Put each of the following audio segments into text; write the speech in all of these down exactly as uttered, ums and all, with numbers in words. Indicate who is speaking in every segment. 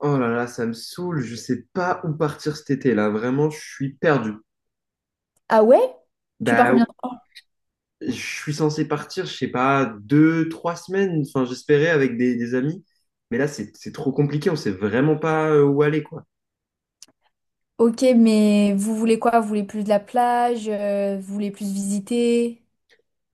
Speaker 1: Oh là là, ça me saoule, je sais pas où partir cet été là, vraiment, je suis perdu.
Speaker 2: Ah ouais? Tu pars
Speaker 1: Bah,
Speaker 2: combien de temps?
Speaker 1: je suis censé partir, je sais pas, deux, trois semaines, enfin j'espérais avec des, des amis, mais là c'est c'est trop compliqué, on sait vraiment pas euh, où aller quoi.
Speaker 2: Ok, mais vous voulez quoi? Vous voulez plus de la plage? Euh, vous voulez plus visiter?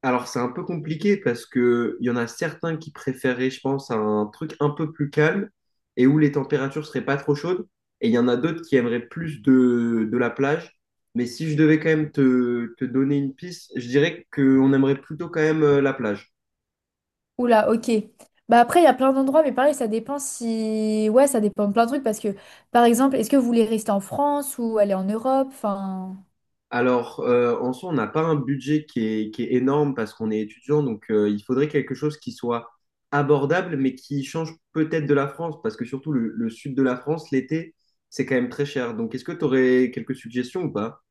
Speaker 1: Alors, c'est un peu compliqué parce que il y en a certains qui préféraient, je pense, un truc un peu plus calme et où les températures seraient pas trop chaudes. Et il y en a d'autres qui aimeraient plus de, de la plage. Mais si je devais quand même te, te donner une piste, je dirais qu'on aimerait plutôt quand même euh, la plage.
Speaker 2: Oula, ok. Bah après, il y a plein d'endroits, mais pareil, ça dépend si... Ouais, ça dépend de plein de trucs, parce que, par exemple, est-ce que vous voulez rester en France ou aller en Europe? Enfin...
Speaker 1: Alors, euh, en soi, on n'a pas un budget qui est, qui est énorme parce qu'on est étudiant, donc euh, il faudrait quelque chose qui soit abordable, mais qui change peut-être de la France, parce que surtout le, le sud de la France, l'été, c'est quand même très cher. Donc, est-ce que tu aurais quelques suggestions ou pas?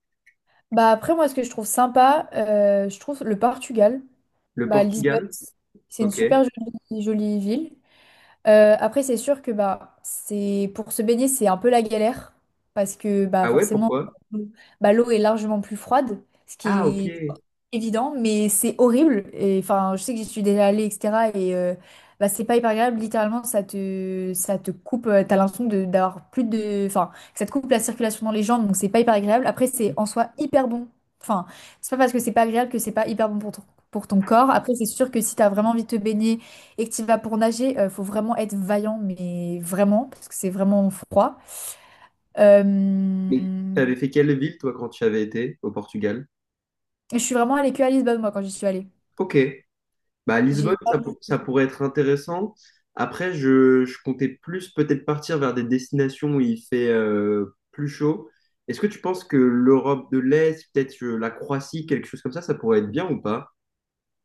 Speaker 2: Bah après, moi, ce que je trouve sympa, euh, je trouve le Portugal.
Speaker 1: Le
Speaker 2: Bah Lisbonne,
Speaker 1: Portugal?
Speaker 2: c'est une
Speaker 1: Ok.
Speaker 2: super jolie, jolie ville. Euh, après, c'est sûr que bah, c'est pour se baigner, c'est un peu la galère parce que bah,
Speaker 1: Ah ouais,
Speaker 2: forcément,
Speaker 1: pourquoi?
Speaker 2: bah, l'eau est largement plus froide, ce qui
Speaker 1: Ah ok.
Speaker 2: est évident, mais c'est horrible. Et enfin, je sais que j'y suis déjà allée, et cetera. Et euh, bah, c'est pas hyper agréable. Littéralement, ça te, ça te coupe. euh, T'as l'impression de- d'avoir plus de, enfin, que ça te coupe la circulation dans les jambes, donc c'est pas hyper agréable. Après, c'est en soi hyper bon. Enfin, c'est pas parce que c'est pas agréable que c'est pas hyper bon pour ton, pour ton corps. Après, c'est sûr que si t'as vraiment envie de te baigner et que tu vas pour nager, euh, faut vraiment être vaillant, mais vraiment, parce que c'est vraiment froid.
Speaker 1: Mais
Speaker 2: Euh,
Speaker 1: t'avais fait quelle ville, toi, quand tu avais été au Portugal?
Speaker 2: je suis vraiment allée que à Lisbonne, moi, quand j'y suis allée.
Speaker 1: Ok. Bah, Lisbonne,
Speaker 2: J'ai pas
Speaker 1: ça,
Speaker 2: voulu
Speaker 1: pour-
Speaker 2: plus.
Speaker 1: ça pourrait être intéressant. Après, je, je comptais plus peut-être partir vers des destinations où il fait euh, plus chaud. Est-ce que tu penses que l'Europe de l'Est, peut-être euh, la Croatie, quelque chose comme ça, ça pourrait être bien ou pas?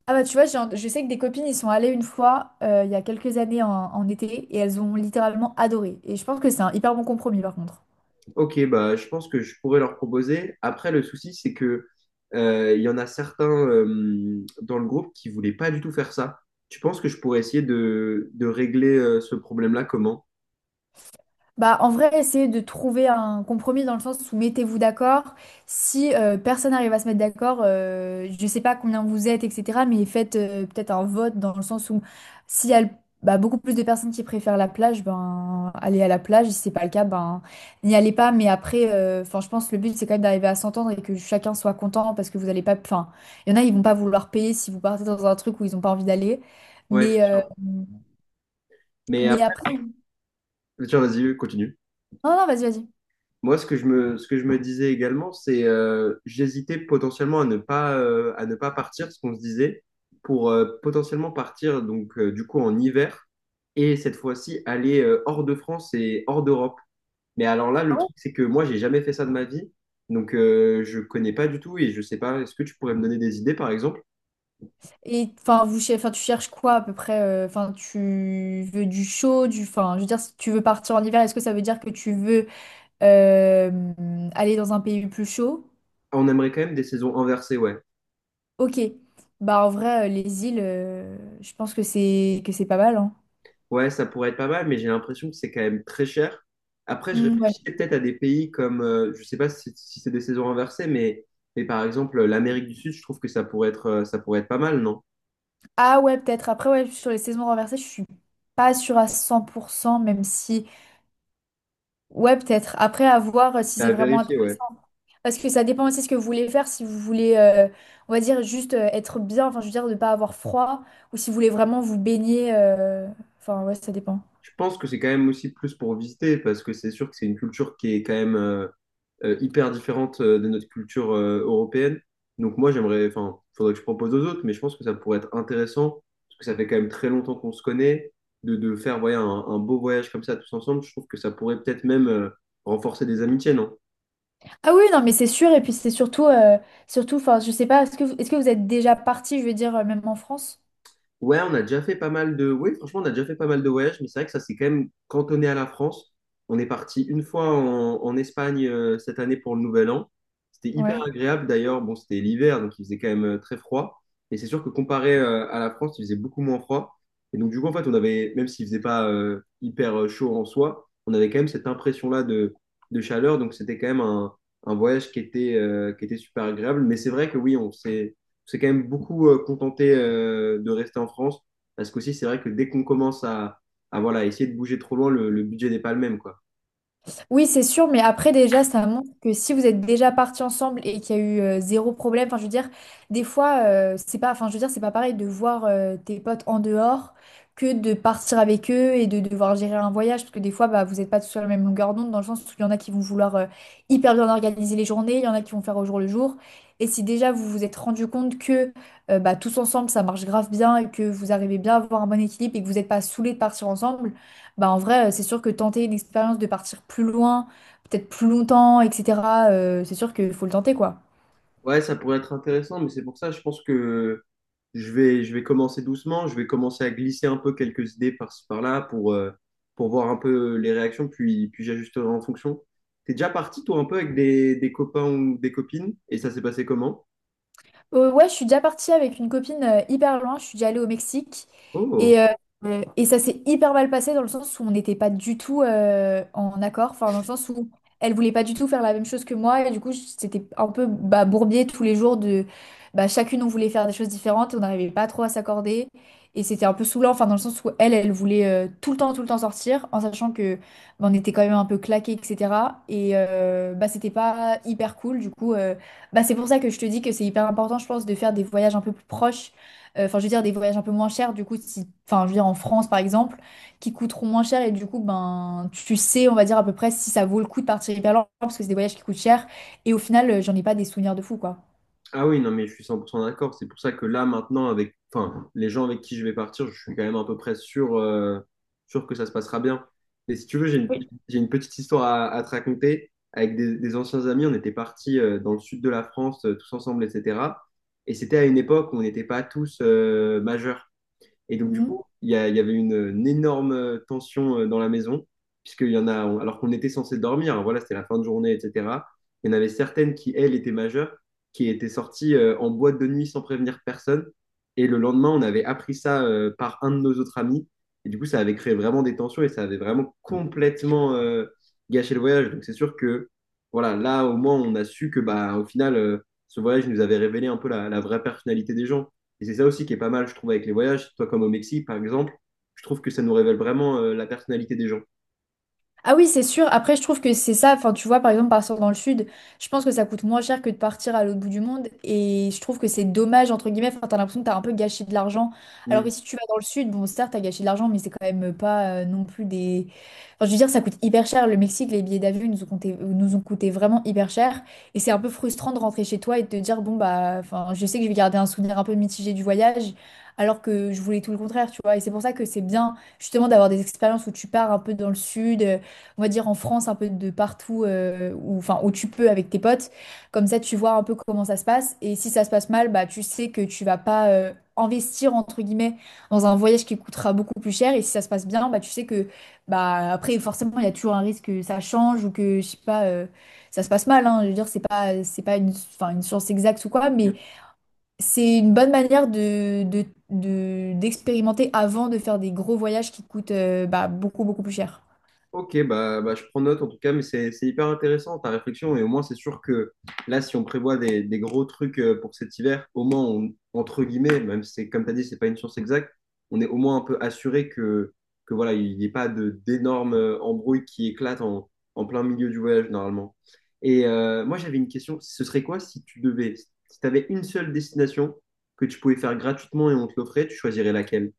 Speaker 2: Ah bah tu vois, j'ai un- je sais que des copines, ils sont allées une fois, euh, il y a quelques années en, en été, et elles ont littéralement adoré. Et je pense que c'est un hyper bon compromis, par contre.
Speaker 1: Ok, bah, je pense que je pourrais leur proposer. Après, le souci, c'est que euh, il y en a certains euh, dans le groupe qui voulaient pas du tout faire ça. Tu penses que je pourrais essayer de, de régler euh, ce problème-là comment?
Speaker 2: Bah, en vrai, essayez de trouver un compromis dans le sens où mettez-vous d'accord. Si euh, personne n'arrive à se mettre d'accord, euh, je ne sais pas combien vous êtes, et cetera. Mais faites euh, peut-être un vote dans le sens où s'il y a le- bah, beaucoup plus de personnes qui préfèrent la plage, ben allez à la plage. Si c'est pas le cas, ben n'y allez pas. Mais après, euh, enfin, je pense que le but c'est quand même d'arriver à s'entendre et que chacun soit content parce que vous n'allez pas. Enfin, il y en a, ils vont pas vouloir payer si vous partez dans un truc où ils n'ont pas envie d'aller.
Speaker 1: Ouais, c'est
Speaker 2: Mais euh,
Speaker 1: sûr. Mais
Speaker 2: mais
Speaker 1: après,
Speaker 2: après, oui.
Speaker 1: tiens, vas-y, continue.
Speaker 2: Non, non, vas-y, vas-y.
Speaker 1: Moi, ce que je me, ce que je me disais également, c'est euh, j'hésitais potentiellement à ne pas, euh, à ne pas partir, ce qu'on se disait, pour euh, potentiellement partir donc euh, du coup en hiver et cette fois-ci aller euh, hors de France et hors d'Europe. Mais alors là, le truc, c'est que moi, j'ai jamais fait ça de ma vie, donc euh, je connais pas du tout et je sais pas. Est-ce que tu pourrais me donner des idées, par exemple?
Speaker 2: Et enfin, vous, cher- enfin, tu cherches quoi à peu près? euh, Enfin, tu veux du chaud, du. Enfin, je veux dire, si tu veux partir en hiver, est-ce que ça veut dire que tu veux euh, aller dans un pays plus chaud?
Speaker 1: On aimerait quand même des saisons inversées, ouais.
Speaker 2: Ok. Bah en vrai, euh, les îles, euh, je pense que c'est que c'est pas mal, hein.
Speaker 1: Ouais, ça pourrait être pas mal, mais j'ai l'impression que c'est quand même très cher. Après, je
Speaker 2: Hmm, ouais.
Speaker 1: réfléchissais peut-être à des pays comme, euh, je sais pas si, si c'est des saisons inversées, mais, mais par exemple l'Amérique du Sud, je trouve que ça pourrait être, euh, ça pourrait être pas mal, non?
Speaker 2: Ah ouais, peut-être. Après, ouais, sur les saisons renversées, je suis pas sûre à cent pour cent même si. Ouais, peut-être. Après, à voir euh, si c'est
Speaker 1: À
Speaker 2: vraiment.
Speaker 1: vérifier, ouais.
Speaker 2: Parce que ça dépend aussi ce que vous voulez faire, si vous voulez, euh, on va dire, juste euh, être bien, enfin, je veux dire, ne pas avoir froid, ou si vous voulez vraiment vous baigner, euh, enfin, ouais, ça dépend.
Speaker 1: Je pense que c'est quand même aussi plus pour visiter, parce que c'est sûr que c'est une culture qui est quand même, euh, euh, hyper différente euh, de notre culture euh, européenne. Donc moi, j'aimerais, enfin, faudrait que je propose aux autres, mais je pense que ça pourrait être intéressant, parce que ça fait quand même très longtemps qu'on se connaît, de, de faire voyez, un, un beau voyage comme ça tous ensemble. Je trouve que ça pourrait peut-être même euh, renforcer des amitiés, non?
Speaker 2: Ah oui, non, mais c'est sûr, et puis c'est surtout, euh, surtout, enfin, je sais pas, est-ce que vous, est-ce que vous êtes déjà parti, je veux dire, euh, même en France?
Speaker 1: Ouais, on a déjà fait pas mal de... Oui, franchement, on a déjà fait pas mal de voyages, mais c'est vrai que ça s'est quand même cantonné à la France. On est parti une fois en, en Espagne euh, cette année pour le Nouvel An. C'était hyper
Speaker 2: Ouais.
Speaker 1: agréable d'ailleurs. Bon, c'était l'hiver, donc il faisait quand même euh, très froid. Et c'est sûr que comparé euh, à la France, il faisait beaucoup moins froid. Et donc du coup, en fait, on avait, même s'il faisait pas euh, hyper euh, chaud en soi, on avait quand même cette impression-là de, de chaleur. Donc c'était quand même un, un voyage qui était, euh, qui était super agréable. Mais c'est vrai que oui, on s'est c'est quand même beaucoup euh, contenté euh, de rester en France parce qu'aussi, c'est vrai que dès qu'on commence à, à voilà, essayer de bouger trop loin, le, le budget n'est pas le même, quoi.
Speaker 2: Oui, c'est sûr, mais après déjà, ça montre que si vous êtes déjà partis ensemble et qu'il y a eu euh, zéro problème, enfin je veux dire, des fois, euh, c'est pas, enfin je veux dire, c'est pas pareil de voir euh, tes potes en dehors que de partir avec eux et de devoir gérer un voyage, parce que des fois, bah, vous n'êtes pas tous sur la même longueur d'onde, dans le sens où il y en a qui vont vouloir euh, hyper bien organiser les journées, il y en a qui vont faire au jour le jour. Et si déjà vous vous êtes rendu compte que euh, bah, tous ensemble, ça marche grave bien et que vous arrivez bien à avoir un bon équilibre et que vous n'êtes pas saoulés de partir ensemble. Bah en vrai, euh, c'est sûr que tenter une expérience de partir plus loin, peut-être plus longtemps, et cetera, euh, c'est sûr qu'il faut le tenter, quoi.
Speaker 1: Ouais, ça pourrait être intéressant, mais c'est pour ça, je pense que je vais, je vais commencer doucement, je vais commencer à glisser un peu quelques idées par-ci, par-là pour, euh, pour voir un peu les réactions, puis, puis j'ajusterai en fonction. T'es déjà parti, toi, un peu avec des, des copains ou des copines, et ça s'est passé comment?
Speaker 2: Euh, ouais, je suis déjà partie avec une copine euh, hyper loin. Je suis déjà allée au Mexique.
Speaker 1: Oh!
Speaker 2: Et, euh, euh, et ça s'est hyper mal passé dans le sens où on n'était pas du tout euh, en accord. Enfin, dans le sens où elle voulait pas du tout faire la même chose que moi. Et du coup, c'était un peu bah, bourbier tous les jours de... Bah, chacune, on voulait faire des choses différentes. et On n'arrivait pas trop à s'accorder. Et c'était un peu saoulant. Enfin, dans le sens où elle, elle voulait euh, tout le temps, tout le temps sortir. En sachant que bah, on était quand même un peu claqués, et cetera. Et euh, bah, c'était pas hyper cool. Du coup... euh, bah, c'est pour ça que je te dis que c'est hyper important, je pense, de faire des voyages un peu plus proches. Euh, Enfin, je veux dire, des voyages un peu moins chers, du coup, si... enfin, je veux dire, en France, par exemple, qui coûteront moins cher. Et du coup, ben, tu sais, on va dire à peu près si ça vaut le coup de partir hyper loin, parce que c'est des voyages qui coûtent cher. Et au final, euh, j'en ai pas des souvenirs de fou, quoi.
Speaker 1: Ah oui, non, mais je suis cent pour cent d'accord. C'est pour ça que là, maintenant, avec enfin, les gens avec qui je vais partir, je suis quand même à peu près sûr, euh, sûr que ça se passera bien. Et si tu veux, j'ai une, j'ai une petite histoire à, à te raconter. Avec des, des anciens amis, on était partis euh, dans le sud de la France, euh, tous ensemble, et cetera. Et c'était à une époque où on n'était pas tous euh, majeurs. Et donc, du coup,
Speaker 2: Oui.
Speaker 1: il y, a- il y avait une, une énorme tension euh, dans la maison, puisqu'il y en a, on- alors qu'on était censé dormir, hein, voilà, c'était la fin de journée, et cetera. Il y en avait certaines qui, elles, étaient majeures, qui étaient sorties euh, en boîte de nuit sans prévenir personne. Et le lendemain, on avait appris ça euh, par un de nos autres amis. Et du coup, ça avait créé vraiment des tensions et ça avait vraiment complètement euh, gâché le voyage. Donc, c'est sûr que, voilà, là, au moins, on a su que, bah, au final, euh, ce voyage nous avait révélé un peu la, la vraie personnalité des gens. Et c'est ça aussi qui est pas mal, je trouve, avec les voyages. Toi, comme au Mexique, par exemple, je trouve que ça nous révèle vraiment euh, la personnalité des gens.
Speaker 2: Ah oui, c'est sûr. Après, je trouve que c'est ça. Enfin, tu vois, par exemple, partir dans le sud, je pense que ça coûte moins cher que de partir à l'autre bout du monde. Et je trouve que c'est dommage, entre guillemets. Enfin, t'as l'impression que t'as un peu gâché de l'argent. Alors que si tu vas dans le sud, bon, certes, t'as gâché de l'argent, mais c'est quand même pas euh, non plus des. Enfin, je veux dire, ça coûte hyper cher. Le Mexique, les billets d'avion, ils nous ont coûté, nous ont coûté vraiment hyper cher. Et c'est un peu frustrant de rentrer chez toi et de te dire, bon, bah, enfin, je sais que je vais garder un souvenir un peu mitigé du voyage. Alors que je voulais tout le contraire, tu vois. Et c'est pour ça que c'est bien, justement, d'avoir des expériences où tu pars un peu dans le sud, on va dire en France, un peu de partout, euh, où, enfin, où tu peux avec tes potes. Comme ça, tu vois un peu comment ça se passe. Et si ça se passe mal, bah, tu sais que tu vas pas euh, investir, entre guillemets, dans un voyage qui coûtera beaucoup plus cher. Et si ça se passe bien, bah, tu sais que, bah, après, forcément, il y a toujours un risque que ça change ou que, je sais pas, euh, ça se passe mal. hein. Je veux dire, c'est pas, c'est pas une, enfin, une science exacte ou quoi,
Speaker 1: Mm.
Speaker 2: mais c'est une bonne manière de, de- de- d'expérimenter avant de faire des gros voyages qui coûtent, euh, bah, beaucoup, beaucoup plus cher.
Speaker 1: Ok, bah, bah, je prends note en tout cas, mais c'est c'est hyper intéressant ta réflexion. Et au moins, c'est sûr que là, si on prévoit des, des gros trucs euh, pour cet hiver, au moins, on- entre guillemets, même si c'est comme tu as dit, c'est pas une science exacte, on est au moins un peu assuré que, que voilà, il n'y ait pas de d'énormes euh, embrouilles qui éclatent en, en plein milieu du voyage normalement. Et euh, moi, j'avais une question. Ce serait quoi si tu devais, si tu avais une seule destination que tu pouvais faire gratuitement et on te l'offrait, tu choisirais laquelle?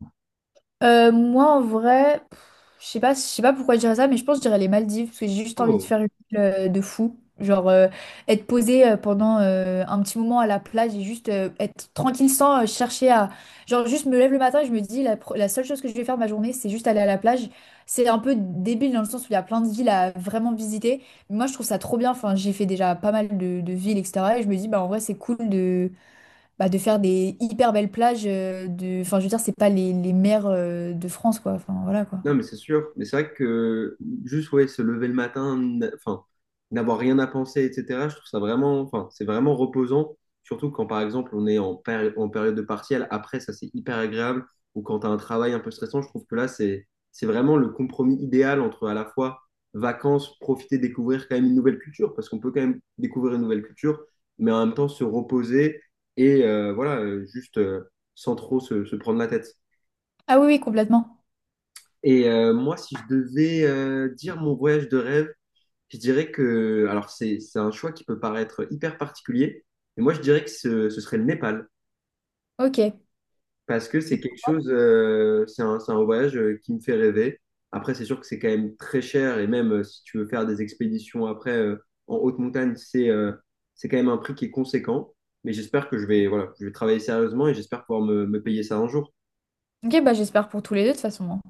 Speaker 2: Euh, moi, en vrai, pff, je sais pas, je sais pas pourquoi je dirais ça, mais je pense que je dirais les Maldives, parce que j'ai juste envie de
Speaker 1: Oh.
Speaker 2: faire une île euh, de fou. Genre, euh, être posée euh, pendant euh, un petit moment à la plage et juste euh, être tranquille sans euh, chercher à... Genre, juste me lève le matin et je me dis, la, pro- la seule chose que je vais faire de ma journée, c'est juste aller à la plage. C'est un peu débile dans le sens où il y a plein de villes à vraiment visiter. Mais moi, je trouve ça trop bien. Enfin, j'ai fait déjà pas mal de, de villes, et cetera. Et je me dis, bah, en vrai, c'est cool de bah, de faire des hyper belles plages euh, de... Enfin, je veux dire, c'est pas les, les mers euh, de France, quoi. Enfin, voilà, quoi.
Speaker 1: Non, mais c'est sûr. Mais c'est vrai que juste, ouais, se lever le matin, n- enfin, n'avoir rien à penser, et cetera, je trouve ça vraiment, enfin, c'est vraiment reposant. Surtout quand, par exemple, on est en, péri- en période de partiel. Après, ça, c'est hyper agréable. Ou quand tu as un travail un peu stressant, je trouve que là, c'est, c'est vraiment le compromis idéal entre à la fois vacances, profiter, découvrir quand même une nouvelle culture, parce qu'on peut quand même découvrir une nouvelle culture, mais en même temps se reposer et euh, voilà, euh, juste euh, sans trop se se prendre la tête.
Speaker 2: Ah oui, oui, complètement.
Speaker 1: Et euh, moi, si je devais euh, dire mon voyage de rêve, je dirais que, alors c'est c'est un choix qui peut paraître hyper particulier, mais moi je dirais que ce, ce serait le Népal,
Speaker 2: Ok.
Speaker 1: parce que c'est quelque chose, euh, c'est un, c'est un voyage euh, qui me fait rêver. Après, c'est sûr que c'est quand même très cher, et même euh, si tu veux faire des expéditions après euh, en haute montagne, c'est euh, c'est quand même un prix qui est conséquent. Mais j'espère que je vais, voilà, je vais travailler sérieusement et j'espère pouvoir me me payer ça un jour.
Speaker 2: Ok, bah j'espère pour tous les deux, de toute façon. hein.